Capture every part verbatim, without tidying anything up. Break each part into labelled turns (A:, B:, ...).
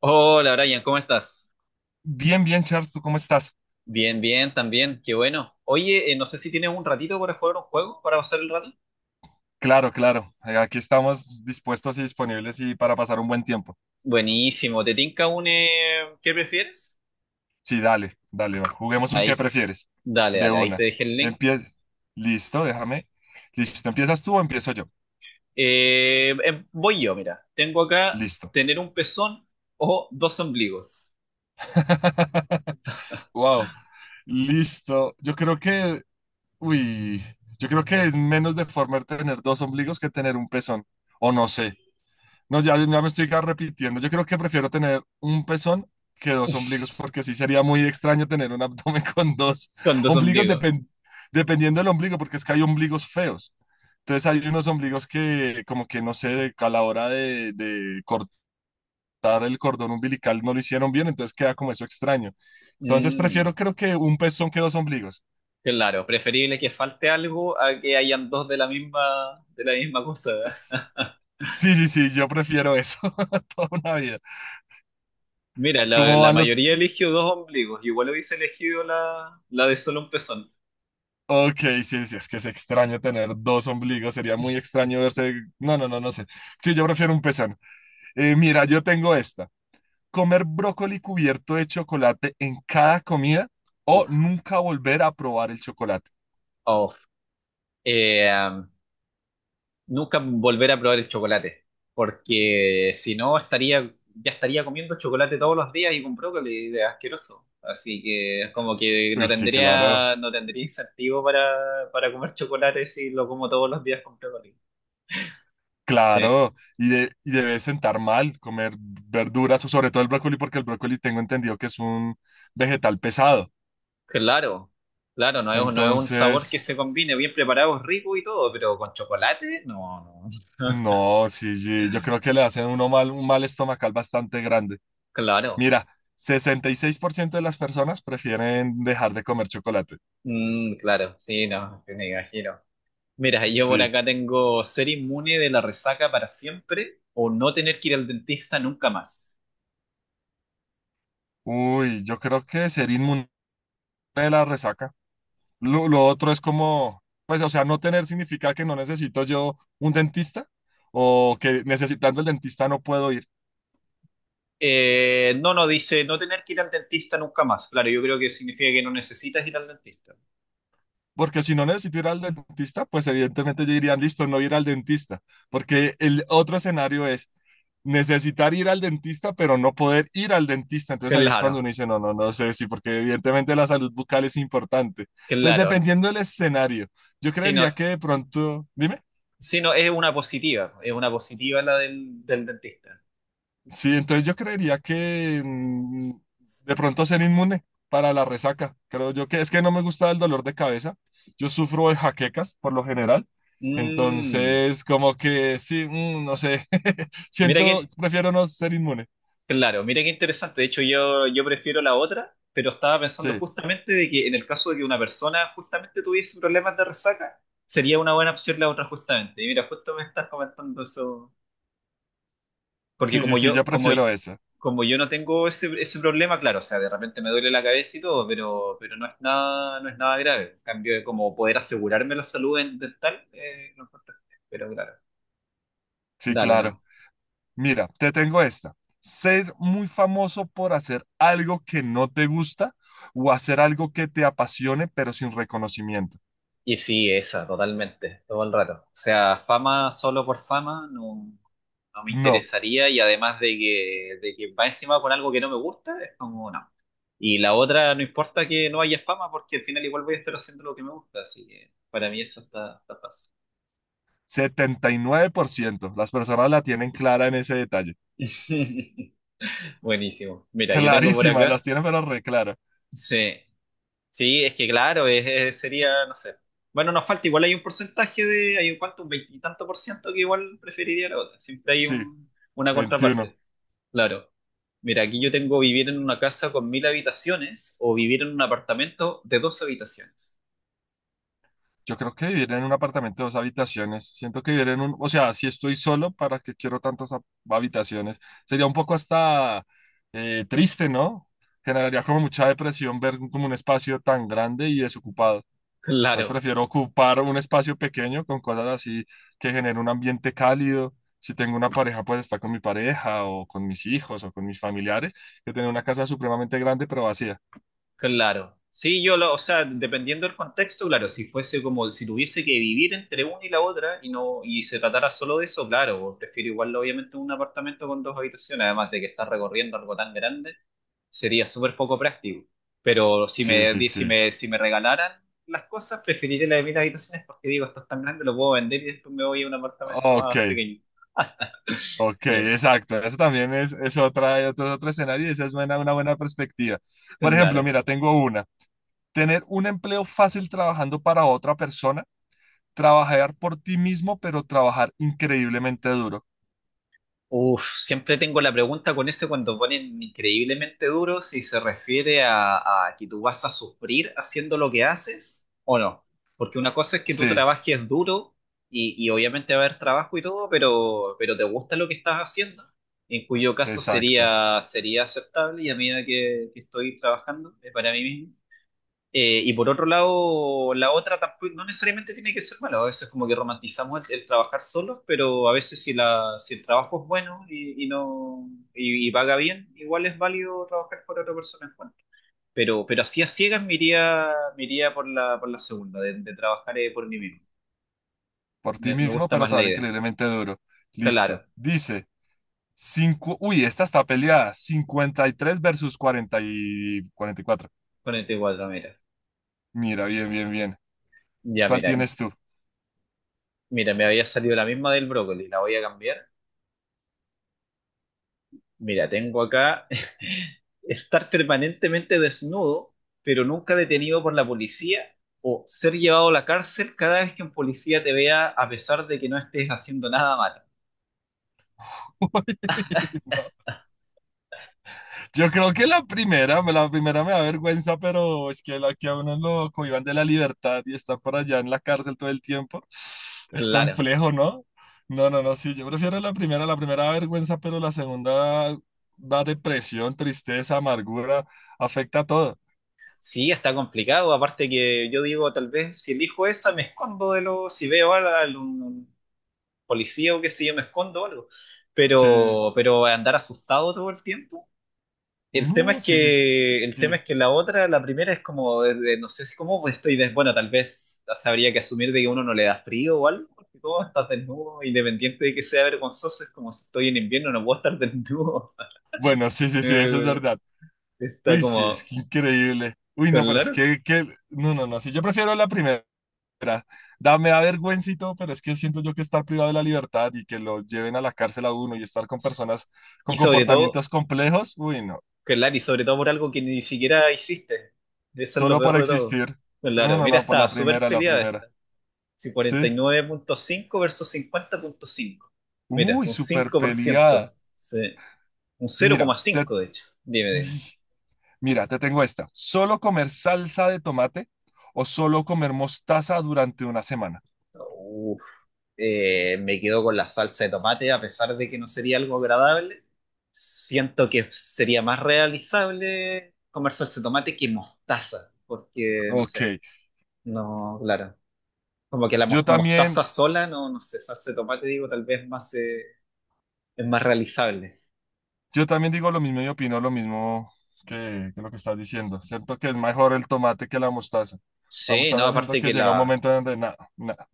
A: Hola Brian, ¿cómo estás?
B: Bien, bien, Charles, ¿tú cómo estás?
A: Bien, bien, también, qué bueno. Oye, eh, no sé si tienes un ratito para jugar un juego, para pasar el rato.
B: Claro, claro. eh, Aquí estamos dispuestos y disponibles y para pasar un buen tiempo.
A: Buenísimo, ¿te tinca un eh, qué prefieres?
B: Sí, dale, dale, va, juguemos un qué
A: Ahí,
B: prefieres.
A: dale,
B: De
A: dale, ahí te
B: una.
A: dejé el link.
B: Empie... Listo, déjame. Listo, ¿empiezas tú o empiezo yo?
A: Eh, eh, voy yo, mira, tengo acá
B: Listo.
A: tener un pezón o dos ombligos.
B: Wow. Listo. Yo creo que, uy, yo creo que es menos deforme tener dos ombligos que tener un pezón. O no sé. No, ya, ya me estoy repitiendo. Yo creo que prefiero tener un pezón que dos ombligos, porque sí sería muy extraño tener un abdomen con dos
A: Con dos
B: ombligos,
A: ombligos.
B: depen- dependiendo del ombligo, porque es que hay ombligos feos. Entonces hay unos ombligos que como que no sé, a la hora de, de cortar el cordón umbilical no lo hicieron bien, entonces queda como eso extraño. Entonces
A: Mm,
B: prefiero creo que un pezón que dos ombligos.
A: claro, preferible que falte algo a que hayan dos de la misma, de la misma cosa.
B: S- Sí, sí, sí, yo prefiero eso toda una vida.
A: Mira, la,
B: ¿Cómo
A: la
B: van los,
A: mayoría eligió dos ombligos. Igual hubiese elegido la, la de solo un pezón.
B: Ok, sí, sí, es que es extraño tener dos ombligos, sería muy extraño verse. No, no, no, no sé. Sí, yo prefiero un pezón. Eh, mira, yo tengo esta. Comer brócoli cubierto de chocolate en cada comida o
A: Uf,
B: nunca volver a probar el chocolate.
A: oh. Eh, um, nunca volver a probar el chocolate, porque si no estaría, ya estaría comiendo chocolate todos los días y con brócoli, es asqueroso. Así que como que no
B: Uy, sí, claro,
A: tendría, no tendría incentivo para, para comer chocolate si lo como todos los días con brócoli. Sí,
B: claro. Y, de- y debe sentar mal comer verduras o sobre todo el brócoli, porque el brócoli tengo entendido que es un vegetal pesado.
A: claro, claro, no es, no es un sabor
B: Entonces,
A: que se combine bien preparado, es rico y todo, pero con chocolate, no, no.
B: no, sí, sí, yo creo que le hacen uno mal, un mal estomacal bastante grande.
A: Claro.
B: Mira, sesenta y seis por ciento de las personas prefieren dejar de comer chocolate.
A: Mm, claro, sí, no, sí, me imagino. Mira, yo por
B: Sí.
A: acá tengo ser inmune de la resaca para siempre o no tener que ir al dentista nunca más.
B: Uy, yo creo que ser inmune de la resaca. Lo, lo otro es como, pues, o sea, no tener significa que no necesito yo un dentista o que necesitando el dentista no puedo ir.
A: Eh, no, no, dice no tener que ir al dentista nunca más. Claro, yo creo que significa que no necesitas ir al dentista.
B: Porque si no necesito ir al dentista, pues evidentemente yo diría, listo, no ir al dentista. Porque el otro escenario es necesitar ir al dentista, pero no poder ir al dentista. Entonces ahí es cuando
A: Claro,
B: uno dice, no, no, no sé sí porque evidentemente la salud bucal es importante. Entonces,
A: claro.
B: dependiendo del escenario, yo
A: Sí, no,
B: creería que de pronto, dime.
A: sí, no, es una positiva, es una positiva la del, del dentista.
B: Sí, entonces yo creería que mm, de pronto ser inmune para la resaca. Creo yo que es que no me gusta el dolor de cabeza. Yo sufro de jaquecas por lo general.
A: Mm,
B: Entonces, como que sí, mm, no sé.
A: mira quién,
B: Siento, prefiero no ser inmune.
A: Claro, mira qué interesante. De hecho, yo, yo prefiero la otra, pero estaba pensando
B: Sí,
A: justamente de que en el caso de que una persona justamente tuviese problemas de resaca, sería una buena opción la otra justamente. Y mira, justo me estás comentando eso, porque
B: sí, sí,
A: como
B: sí, yo
A: yo, como,
B: prefiero eso.
A: como yo no tengo ese, ese problema, claro, o sea, de repente me duele la cabeza y todo, pero, pero no es nada, no es nada grave. En cambio, como poder asegurarme la salud en- dental, eh, no importa. Pero claro,
B: Sí,
A: dale,
B: claro.
A: no.
B: Mira, te tengo esta. Ser muy famoso por hacer algo que no te gusta o hacer algo que te apasione pero sin reconocimiento.
A: Y sí, esa, totalmente, todo el rato. O sea, fama solo por fama no, no me
B: No,
A: interesaría y además de que, de que va encima con algo que no me gusta, es como no. Y la otra, no importa que no haya fama porque al final igual voy a estar haciendo lo que me gusta, así que para mí eso está, está fácil.
B: setenta y nueve por ciento, las personas la tienen clara en ese detalle.
A: Buenísimo. Mira, yo tengo por
B: Clarísima, las
A: acá.
B: tienen pero reclara.
A: Sí, sí, es que claro, es- es- sería, no sé. Bueno, nos falta, igual hay un porcentaje de, hay un cuánto, un veintitanto por ciento que igual preferiría la otra. Siempre hay
B: Sí,
A: un, una
B: veintiuno.
A: contraparte. Claro. Mira, aquí yo tengo vivir en una casa con mil habitaciones o vivir en un apartamento de dos habitaciones.
B: Yo creo que vivir en un apartamento de dos habitaciones. Siento que vivir en un, o sea, si estoy solo, ¿para qué quiero tantas hab- habitaciones? Sería un poco hasta eh, triste, ¿no? Generaría como mucha depresión ver como un espacio tan grande y desocupado. Entonces
A: Claro,
B: prefiero ocupar un espacio pequeño con cosas así que generen un ambiente cálido. Si tengo una pareja, pues está con mi pareja o con mis hijos o con mis familiares, que tener una casa supremamente grande pero vacía.
A: claro. Sí, yo lo, o sea, dependiendo del contexto, claro, si fuese como si tuviese que vivir entre una y la otra y no, y se tratara solo de eso, claro, prefiero igual obviamente un apartamento con dos habitaciones, además de que estás recorriendo algo tan grande. Sería súper poco práctico. Pero si
B: Sí,
A: me,
B: sí,
A: di- si
B: sí.
A: me, si me regalaran las cosas, preferiría la de mil habitaciones porque digo, esto es tan grande, lo puedo vender y después me voy a un apartamento
B: Ok,
A: más pequeño.
B: ok, exacto. Eso también es, es otra, otro, otro escenario y esa es buena- una buena perspectiva. Por ejemplo,
A: Claro.
B: mira, tengo una. Tener un empleo fácil trabajando para otra persona, trabajar por ti mismo, pero trabajar increíblemente duro.
A: Uf, siempre tengo la pregunta con ese cuando ponen increíblemente duro si se refiere a, a que tú vas a sufrir haciendo lo que haces o no. Porque una cosa es que tú
B: Sí,
A: trabajes duro y, y obviamente va a haber trabajo y todo, pero, pero te gusta lo que estás haciendo, en cuyo caso
B: exacto.
A: sería, sería aceptable y a medida que, que estoy trabajando eh, para mí mismo. Eh, y por otro lado, la otra tampoco, no necesariamente tiene que ser mala, a veces como que romantizamos el, el trabajar solos, pero a veces si, la, si el trabajo es bueno y, y no y, y paga bien, igual es válido trabajar por otra persona en. Pero, pero así a ciegas me iría, me iría por la, por la segunda, de, de trabajar eh, por mí mismo.
B: Por ti
A: Me, me
B: mismo,
A: gusta
B: pero
A: más la
B: trabajar
A: idea.
B: increíblemente duro. Listo.
A: Claro,
B: Dice, cinco, uy, esta está peleada. Cincuenta y tres versus cuarenta y cuarenta y cuatro.
A: ponete cuatro, mira.
B: Mira, bien, bien, bien.
A: Ya,
B: ¿Cuál
A: mira,
B: tienes tú?
A: mira, me había salido la misma del brócoli, la voy a cambiar. Mira, tengo acá estar permanentemente desnudo, pero nunca detenido por la policía, o ser llevado a la cárcel cada vez que un policía te vea a pesar de que no estés haciendo nada malo.
B: Uy, no. Yo creo que la primera, me- la primera me da vergüenza, pero es que la que a uno lo cohíban de la libertad y está por allá en la cárcel todo el tiempo, es
A: Claro.
B: complejo, ¿no? No, no, no, sí, yo prefiero la primera, la primera da vergüenza, pero la segunda da depresión, tristeza, amargura, afecta a todo.
A: Sí, está complicado. Aparte que yo digo, tal vez si elijo esa, me escondo de lo, si veo a algún policía o qué sé yo, me escondo o algo.
B: Sí,
A: Pero, pero andar asustado todo el tiempo. El tema
B: no,
A: es
B: sí, sí, sí.
A: que, el tema
B: Sí.
A: es que la otra, la primera es como, de- de- no sé si cómo pues, estoy, des- bueno, tal vez habría que asumir de que uno no le da frío o algo, porque todo estás desnudo, independiente de que sea vergonzoso, es como si estoy en invierno, no puedo estar desnudo.
B: Bueno, sí, sí, sí, eso es
A: Eh,
B: verdad.
A: está
B: Uy, sí, es
A: como,
B: que increíble. Uy, no, pero es
A: claro.
B: que, que... No, no, no, sí, yo prefiero la primera. Da, me da vergüenza y todo, pero es que siento yo que estar privado de la libertad y que lo lleven a la cárcel a uno y estar con personas
A: Y
B: con
A: sobre todo,
B: comportamientos complejos, uy, no,
A: claro, y sobre todo por algo que ni siquiera hiciste. Eso es lo
B: solo por
A: peor de todo.
B: existir. No,
A: Claro,
B: no,
A: mira,
B: no, por
A: está
B: la
A: súper
B: primera, la
A: peleada
B: primera.
A: esta. Sí,
B: Sí.
A: cuarenta y nueve punto cinco versus cincuenta punto cinco. Mira,
B: Uy,
A: un
B: súper peleada.
A: cinco por ciento. Sí. Un cero
B: Mira,
A: coma cinco de hecho. Dime,
B: te...
A: dime.
B: Mira, te tengo esta. ¿Solo comer salsa de tomate o solo comer mostaza durante una semana?
A: Uf, eh, me quedo con la salsa de tomate, a pesar de que no sería algo agradable. Siento que sería más realizable comer salsa de tomate que mostaza, porque no sé,
B: Ok,
A: no, claro. Como que la mos-
B: yo
A: mostaza
B: también,
A: sola, no, no sé, salsa de tomate, digo, tal vez más, eh, es más realizable.
B: yo también digo lo mismo y opino lo mismo que, que lo que estás diciendo. Siento que es mejor el tomate que la mostaza. La
A: Sí, no,
B: mostaza siento
A: aparte
B: que
A: que
B: llega un
A: la,
B: momento donde nada, nada.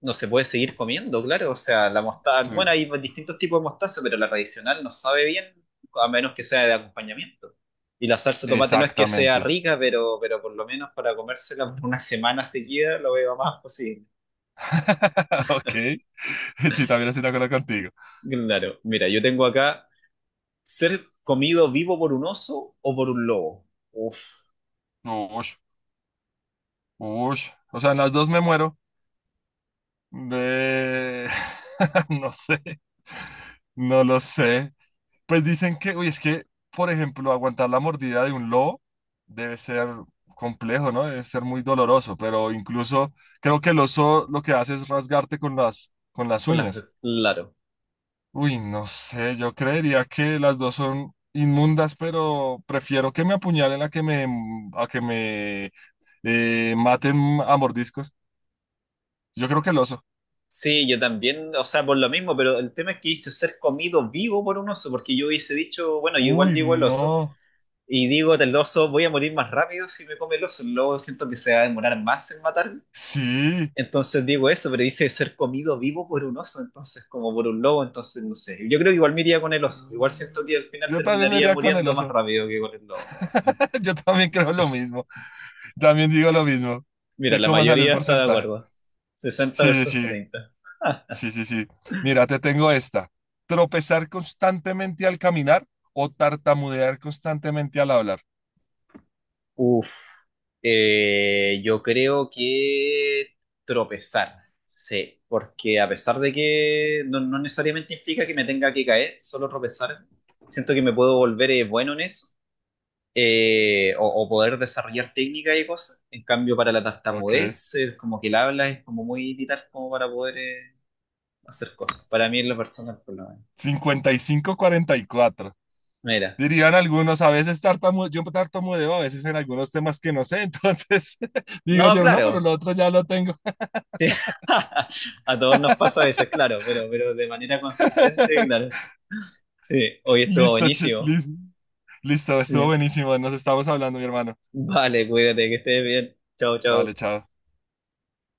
A: no se puede seguir comiendo, claro. O sea, la mostaza,
B: Sí,
A: bueno, hay distintos tipos de mostaza, pero la tradicional no sabe bien, a menos que sea de acompañamiento. Y la salsa de tomate no es que sea
B: exactamente.
A: rica, pero, pero por lo menos para comérsela por una semana seguida lo veo más posible.
B: Ok, sí, también estoy de acuerdo contigo.
A: Claro, mira, yo tengo acá ser comido vivo por un oso o por un lobo. Uf,
B: Ush, ush. O sea, en las dos me muero. De... No sé, no lo sé. Pues dicen que, uy, es que, por ejemplo, aguantar la mordida de un lobo debe ser complejo, ¿no? Debe ser muy doloroso, pero incluso creo que el oso lo que hace es rasgarte con las, con las,
A: con las,
B: uñas.
A: claro.
B: Uy, no sé, yo creería que las dos son inmundas, pero prefiero que me apuñalen a que me, a que me eh, maten a mordiscos. Yo creo que el oso.
A: Sí, yo también, o sea, por lo mismo, pero el tema es que hice ser comido vivo por un oso, porque yo hubiese dicho, bueno, yo igual
B: Uy,
A: digo el oso.
B: no.
A: Y digo del oso, voy a morir más rápido si me come el oso. El lobo siento que se va a demorar más en matarme.
B: Sí.
A: Entonces digo eso, pero dice ser comido vivo por un oso, entonces como por un lobo, entonces no sé. Yo creo que igual me iría con el oso. Igual siento que al final
B: Yo también me
A: terminaría
B: iría con el
A: muriendo más
B: oso.
A: rápido que con el lobo.
B: Yo también creo lo mismo. También digo lo mismo.
A: Mira,
B: ¿Qué,
A: la
B: cómo sale el
A: mayoría está de
B: porcentaje?
A: acuerdo. sesenta
B: Sí,
A: versus
B: sí,
A: treinta
B: sí, sí, sí. Mira, te tengo esta. Tropezar constantemente al caminar o tartamudear constantemente al hablar.
A: Uf, eh, yo creo que tropezar, sí, porque a pesar de que no, no necesariamente implica que me tenga que caer, solo tropezar, siento que me puedo volver eh, bueno en eso, eh, o, o poder desarrollar técnicas y cosas. En cambio, para la
B: Ok.
A: tartamudez, eh, como que el habla es como muy vital como para poder eh, hacer cosas. Para mí es lo personal, por lo menos.
B: Cincuenta y cinco, cuarenta y cuatro.
A: Mira,
B: Dirían algunos, a veces tartamudeo, yo tartamudeo a veces en algunos temas que no sé, entonces digo
A: no,
B: yo, no, pero
A: claro.
B: lo otro ya lo tengo.
A: A todos nos pasa a veces, claro, pero, pero de manera consistente, claro. Sí, hoy estuvo
B: Listo, chi-
A: buenísimo.
B: lis- listo, estuvo
A: Sí.
B: buenísimo, nos estamos hablando, mi hermano.
A: Vale, cuídate, que estés bien. Chao,
B: Vale,
A: chao.
B: chao.